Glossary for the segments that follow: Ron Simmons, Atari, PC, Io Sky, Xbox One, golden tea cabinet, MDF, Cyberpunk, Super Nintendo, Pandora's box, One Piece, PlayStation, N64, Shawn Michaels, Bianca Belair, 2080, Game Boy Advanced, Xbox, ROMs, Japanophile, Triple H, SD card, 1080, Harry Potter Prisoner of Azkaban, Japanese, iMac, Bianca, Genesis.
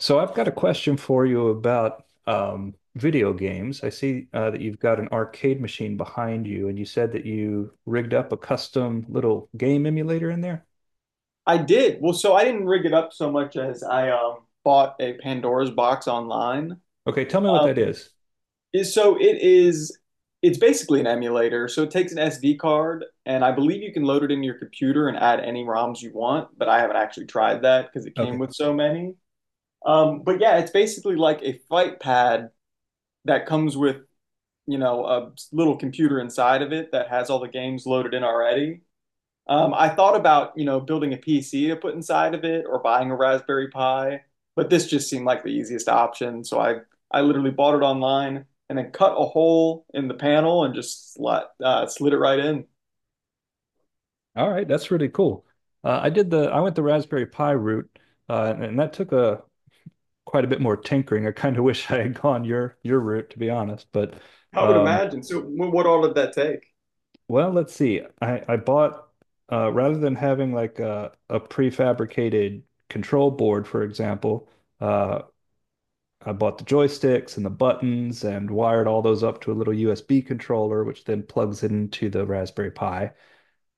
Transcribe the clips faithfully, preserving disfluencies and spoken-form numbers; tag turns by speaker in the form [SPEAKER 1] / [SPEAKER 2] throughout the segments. [SPEAKER 1] So I've got a question for you about um, video games. I see uh, that you've got an arcade machine behind you, and you said that you rigged up a custom little game emulator in there.
[SPEAKER 2] I did. Well, so I didn't rig it up so much as I um, bought a Pandora's box online.
[SPEAKER 1] Okay, tell me what that
[SPEAKER 2] Um,
[SPEAKER 1] is.
[SPEAKER 2] is- so it is, it's basically an emulator. So it takes an S D card, and I believe you can load it in your computer and add any ROMs you want, but I haven't actually tried that because it came
[SPEAKER 1] Okay,
[SPEAKER 2] with so many. Um, but yeah, it's basically like a fight pad that comes with, you know, a little computer inside of it that has all the games loaded in already. Um, I thought about, you know, building a P C to put inside of it or buying a Raspberry Pi, but this just seemed like the easiest option. So I I literally bought it online and then cut a hole in the panel and just slot, uh, slid it right in.
[SPEAKER 1] all right, that's really cool. Uh, I did the I went the Raspberry Pi route, uh, and that took a quite a bit more tinkering. I kind of wish I had gone your your route, to be honest, but
[SPEAKER 2] I would
[SPEAKER 1] um,
[SPEAKER 2] imagine. So what all did that take?
[SPEAKER 1] Well, let's see. I, I bought uh, rather than having like a, a prefabricated control board, for example, uh, I bought the joysticks and the buttons and wired all those up to a little U S B controller, which then plugs into the Raspberry Pi.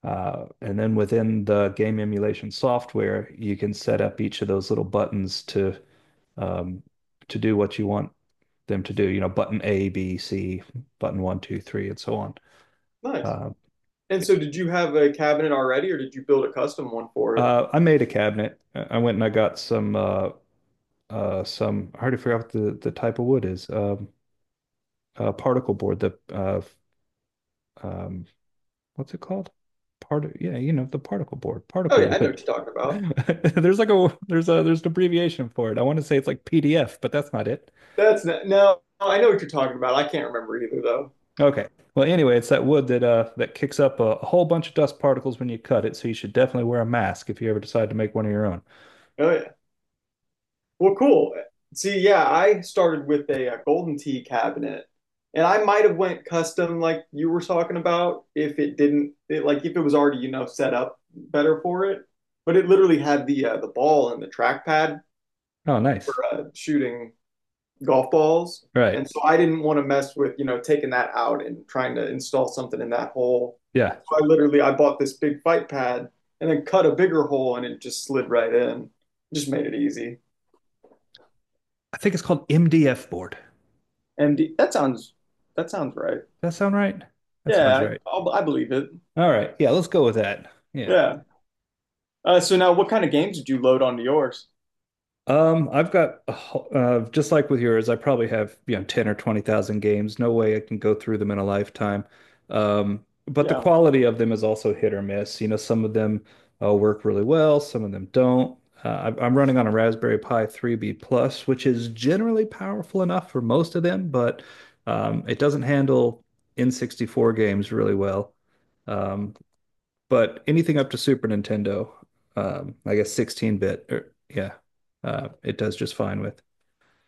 [SPEAKER 1] Uh, and then within the game emulation software, you can set up each of those little buttons to um, to do what you want them to do. You know, button A, B, C, button one, two, three, and so on.
[SPEAKER 2] Nice.
[SPEAKER 1] Uh,
[SPEAKER 2] And so did you have a cabinet already or did you build a custom one for it?
[SPEAKER 1] Uh, I made a cabinet. I went and I got some uh, uh, some. I already forgot what the, the type of wood is. Um, uh, particle board. The uh, um, what's it called? Part. Yeah, you know the particle board.
[SPEAKER 2] Oh yeah,
[SPEAKER 1] Particle
[SPEAKER 2] I know
[SPEAKER 1] wood.
[SPEAKER 2] what you're talking about.
[SPEAKER 1] There's like a there's a there's an abbreviation for it. I want to say it's like P D F, but that's not it.
[SPEAKER 2] That's not, no, I know what you're talking about. I can't remember either though.
[SPEAKER 1] Okay. Well, anyway, it's that wood that uh that kicks up a, a whole bunch of dust particles when you cut it. So you should definitely wear a mask if you ever decide to make one of your own.
[SPEAKER 2] Oh yeah. Well, cool. See, yeah, I started with a, uh golden tea cabinet, and I might have went custom like you were talking about if it didn't it, like if it was already, you know, set up better for it. But it literally had the uh, the ball and the trackpad
[SPEAKER 1] Oh,
[SPEAKER 2] for
[SPEAKER 1] nice.
[SPEAKER 2] uh, shooting golf balls,
[SPEAKER 1] Right.
[SPEAKER 2] and so I didn't want to mess with, you know, taking that out and trying to install something in that hole.
[SPEAKER 1] Yeah.
[SPEAKER 2] So I literally I bought this big fight pad and then cut a bigger hole and it just slid right in. Just made it easy.
[SPEAKER 1] I think it's called M D F board.
[SPEAKER 2] M D. That sounds that sounds right.
[SPEAKER 1] That sound right? That sounds
[SPEAKER 2] Yeah, I,
[SPEAKER 1] right.
[SPEAKER 2] I'll, I believe it.
[SPEAKER 1] All right. Yeah, let's go with that. Yeah.
[SPEAKER 2] Yeah. Uh, so now, what kind of games did you load onto yours?
[SPEAKER 1] Um, I've got a ho- uh, Just like with yours, I probably have, you know, ten or twenty thousand games. No way I can go through them in a lifetime. Um, but the
[SPEAKER 2] Yeah.
[SPEAKER 1] quality of them is also hit or miss. You know, some of them uh, work really well, some of them don't. Uh, I- I'm running on a Raspberry Pi three B Plus, which is generally powerful enough for most of them, but um, it doesn't handle N sixty-four games really well. Um, but anything up to Super Nintendo, um, I guess sixteen bit, or yeah, uh, it does just fine with.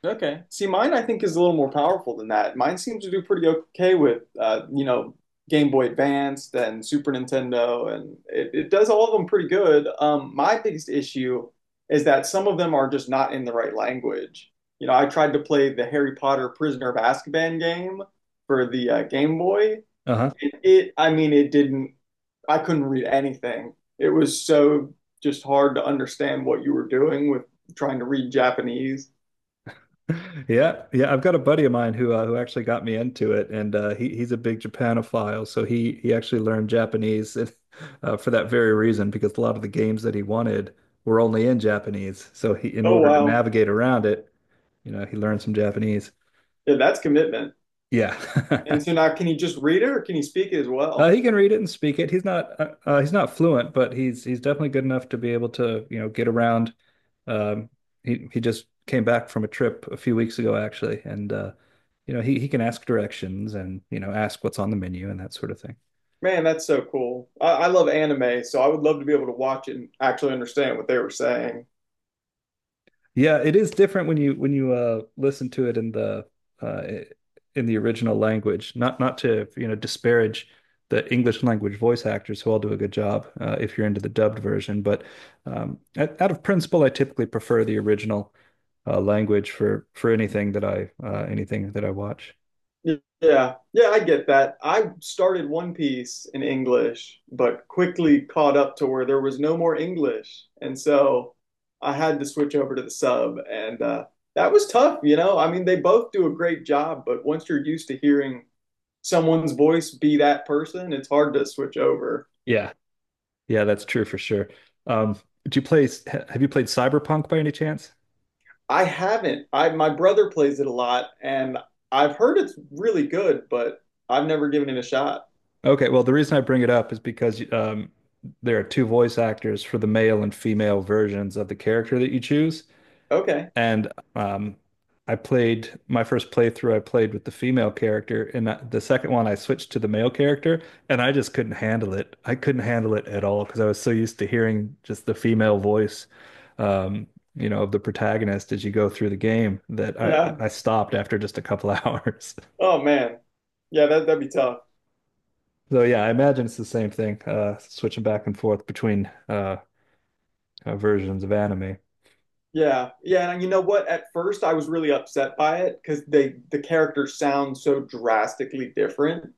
[SPEAKER 2] Okay. See, mine I think is a little more powerful than that. Mine seems to do pretty okay with uh, you know, Game Boy Advanced and Super Nintendo, and it, it does all of them pretty good. Um, my biggest issue is that some of them are just not in the right language. You know, I tried to play the Harry Potter Prisoner of Azkaban game for the uh, Game Boy.
[SPEAKER 1] Uh-huh.
[SPEAKER 2] It, it, I mean, it didn't, I couldn't read anything. It was so just hard to understand what you were doing with trying to read Japanese.
[SPEAKER 1] Yeah, yeah. I've got a buddy of mine who uh, who actually got me into it, and uh, he he's a big Japanophile, so he he actually learned Japanese uh, for that very reason because a lot of the games that he wanted were only in Japanese. So he, in
[SPEAKER 2] Oh,
[SPEAKER 1] order to
[SPEAKER 2] wow.
[SPEAKER 1] navigate around it, you know, he learned some Japanese.
[SPEAKER 2] Yeah, that's commitment. And
[SPEAKER 1] Yeah.
[SPEAKER 2] so now, can he just read it or can he speak it as
[SPEAKER 1] Uh,
[SPEAKER 2] well?
[SPEAKER 1] he can read it and speak it. He's not uh, uh, he's not fluent, but he's he's definitely good enough to be able to, you know, get around. Um, he he just came back from a trip a few weeks ago actually, and uh, you know, he he can ask directions and, you know, ask what's on the menu and that sort of thing.
[SPEAKER 2] Man, that's so cool. I, I love anime, so I would love to be able to watch it and actually understand what they were saying.
[SPEAKER 1] Yeah, it is different when you when you uh listen to it in the uh in the original language. Not not to, you know, disparage the English language voice actors who all do a good job uh, if you're into the dubbed version, but um out out of principle I typically prefer the original uh language for for anything that I uh anything that I watch.
[SPEAKER 2] Yeah, yeah, I get that. I started One Piece in English, but quickly caught up to where there was no more English. And so I had to switch over to the sub. And uh, That was tough, you know? I mean, they both do a great job, but once you're used to hearing someone's voice be that person, it's hard to switch over.
[SPEAKER 1] Yeah, yeah, that's true for sure. Um, do you play? Have you played Cyberpunk by any chance?
[SPEAKER 2] I haven't. I, my brother plays it a lot, and I've heard it's really good, but I've never given it a shot.
[SPEAKER 1] Okay, well, the reason I bring it up is because um, there are two voice actors for the male and female versions of the character that you choose.
[SPEAKER 2] Okay.
[SPEAKER 1] And um, I played my first playthrough, I played with the female character, and that- the second one I switched to the male character, and I just couldn't handle it. I couldn't handle it at all because I was so used to hearing just the female voice, um, you know, of the protagonist as you go through the game that I
[SPEAKER 2] Yeah.
[SPEAKER 1] I stopped after just a couple hours.
[SPEAKER 2] Oh man. Yeah, that that'd be tough.
[SPEAKER 1] So yeah, I imagine it's the same thing, uh, switching back and forth between uh, uh, versions of anime.
[SPEAKER 2] Yeah, yeah, and you know what? At first, I was really upset by it because they, the characters sound so drastically different.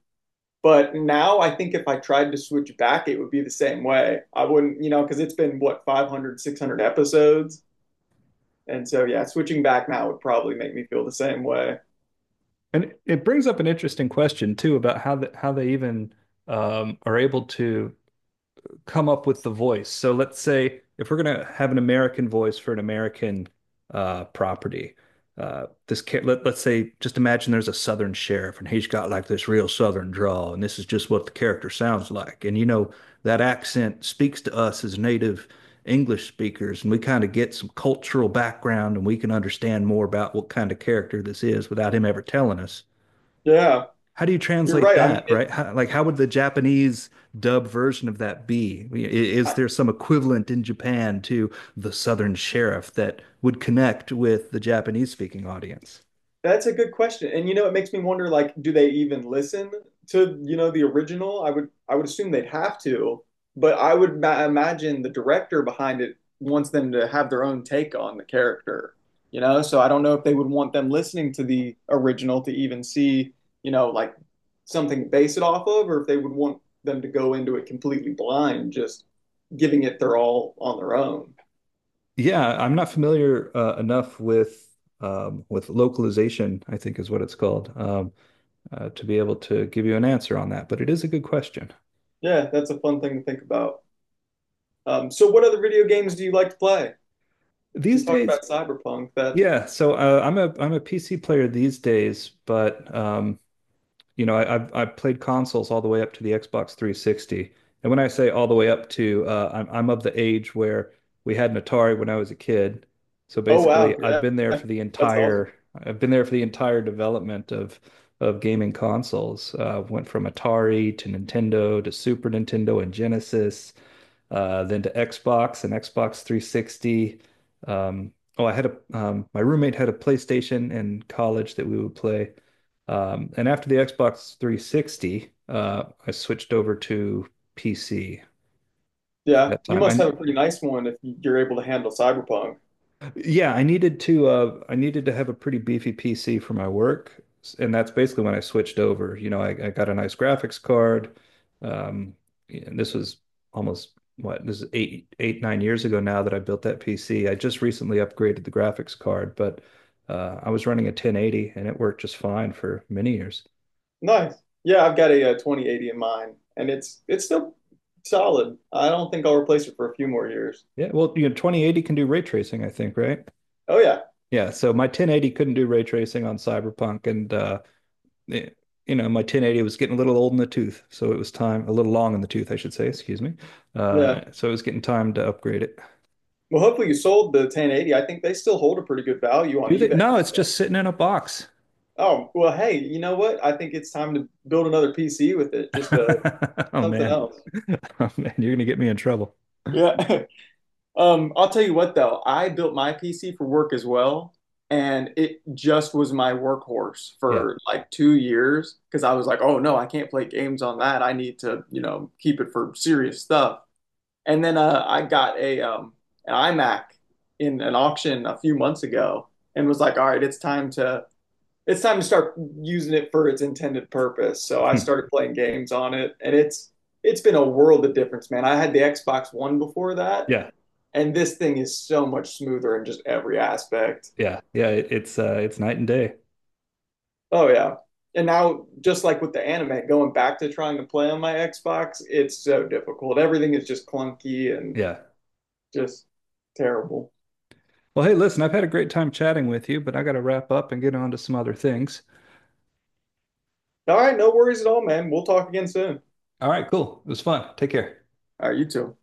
[SPEAKER 2] But now, I think if I tried to switch back, it would be the same way. I wouldn't, you know, because it's been what, five hundred, six hundred episodes, and so yeah, switching back now would probably make me feel the same way.
[SPEAKER 1] And it brings up an interesting question too about how the, how they even um, are able to come up with the voice. So let's say if we're going to have an American voice for an American uh, property, uh, this ca- let, let's say just imagine there's a Southern sheriff and he's got like this real Southern drawl, and this is just what the character sounds like. And you know that accent speaks to us as native English speakers, and we kind of get some cultural background, and we can understand more about what kind of character this is without him ever telling us
[SPEAKER 2] Yeah,
[SPEAKER 1] how do you
[SPEAKER 2] you're
[SPEAKER 1] translate
[SPEAKER 2] right. I mean,
[SPEAKER 1] that,
[SPEAKER 2] it,
[SPEAKER 1] right? How, like, how would the Japanese dub version of that be? I- Is there some equivalent in Japan to the Southern Sheriff that would connect with the Japanese speaking audience?
[SPEAKER 2] That's a good question. And you know, it makes me wonder, like, do they even listen to, you know, the original? I would I would assume they'd have to, but I would ma imagine the director behind it wants them to have their own take on the character, you know? So I don't know if they would want them listening to the original to even see, you know, like something to base it off of, or if they would want them to go into it completely blind, just giving it their all on their own.
[SPEAKER 1] Yeah, I'm not familiar uh, enough with um, with localization, I think is what it's called, um, uh, to be able to give you an answer on that. But it is a good question.
[SPEAKER 2] Yeah, that's a fun thing to think about. Um, so what other video games do you like to play? You
[SPEAKER 1] These
[SPEAKER 2] talked
[SPEAKER 1] days,
[SPEAKER 2] about Cyberpunk. That,
[SPEAKER 1] yeah. So uh, I'm a I'm a P C player these days, but um, you know, I, I've I've played consoles all the way up to the Xbox three sixty. And when I say all the way up to, uh, I'm I'm of the age where we had an Atari when I was a kid. So
[SPEAKER 2] oh
[SPEAKER 1] basically,
[SPEAKER 2] wow,
[SPEAKER 1] I've
[SPEAKER 2] yeah,
[SPEAKER 1] been there for the
[SPEAKER 2] that's awesome.
[SPEAKER 1] entire I've been there for the entire development of of gaming consoles. Uh, went from Atari to Nintendo to Super Nintendo and Genesis, uh, then to Xbox and Xbox three sixty. Um, oh, I had a um, My roommate had a PlayStation in college that we would play. Um, and after the Xbox three sixty, uh, I switched over to P C at
[SPEAKER 2] Yeah,
[SPEAKER 1] that
[SPEAKER 2] you
[SPEAKER 1] time.
[SPEAKER 2] must
[SPEAKER 1] I
[SPEAKER 2] have a pretty nice one if you're able to handle Cyberpunk.
[SPEAKER 1] Yeah, I needed to uh, I needed to have a pretty beefy P C for my work, and that's basically when I switched over. You know, I, I got a nice graphics card. Um, and this was almost what this is eight eight nine years ago now that I built that P C. I just recently upgraded the graphics card, but uh, I was running a ten eighty and it worked just fine for many years.
[SPEAKER 2] Nice. Yeah, I've got a, uh twenty eighty in mine, and it's it's still solid. I don't think I'll replace it for a few more years.
[SPEAKER 1] Yeah, well, you know, twenty eighty can do ray tracing, I think, right?
[SPEAKER 2] Oh yeah,
[SPEAKER 1] Yeah, so my ten eighty couldn't do ray tracing on Cyberpunk, and uh, eh, you know my ten eighty was getting a little old in the tooth, so it was time a little long in the tooth, I should say. Excuse me.
[SPEAKER 2] yeah.
[SPEAKER 1] Uh, so it was getting time to upgrade it.
[SPEAKER 2] Well, hopefully you sold the ten eighty. I think they still hold a pretty good value on
[SPEAKER 1] Do they?
[SPEAKER 2] eBay and
[SPEAKER 1] No, it's
[SPEAKER 2] stuff.
[SPEAKER 1] just sitting in a box.
[SPEAKER 2] Oh well, hey, you know what? I think it's time to build another P C with it, just uh,
[SPEAKER 1] Oh
[SPEAKER 2] something
[SPEAKER 1] man,
[SPEAKER 2] else.
[SPEAKER 1] oh man, you're gonna get me in trouble.
[SPEAKER 2] Yeah, Um, I'll tell you what though, I built my P C for work as well, and it just was my workhorse
[SPEAKER 1] Yeah,
[SPEAKER 2] for like two years because I was like, oh no, I can't play games on that. I need to, you know, keep it for serious stuff. And then uh, I got a um, an iMac in an auction a few months ago and was like, all right, it's time to it's time to start using it for its intended purpose. So I
[SPEAKER 1] yeah,
[SPEAKER 2] started playing games on it, and it's it's been a world of difference, man. I had the Xbox One before that
[SPEAKER 1] yeah,
[SPEAKER 2] and this thing is so much smoother in just every aspect.
[SPEAKER 1] yeah. it- It's uh, it's night and day.
[SPEAKER 2] Oh yeah. And now just like with the anime, going back to trying to play on my Xbox, it's so difficult. Everything is just clunky and
[SPEAKER 1] Yeah.
[SPEAKER 2] just terrible.
[SPEAKER 1] Well, hey, listen, I've had a great time chatting with you, but I got to wrap up and get on to some other things.
[SPEAKER 2] All right, no worries at all, man. We'll talk again soon.
[SPEAKER 1] All right, cool. It was fun. Take care.
[SPEAKER 2] All right, you too.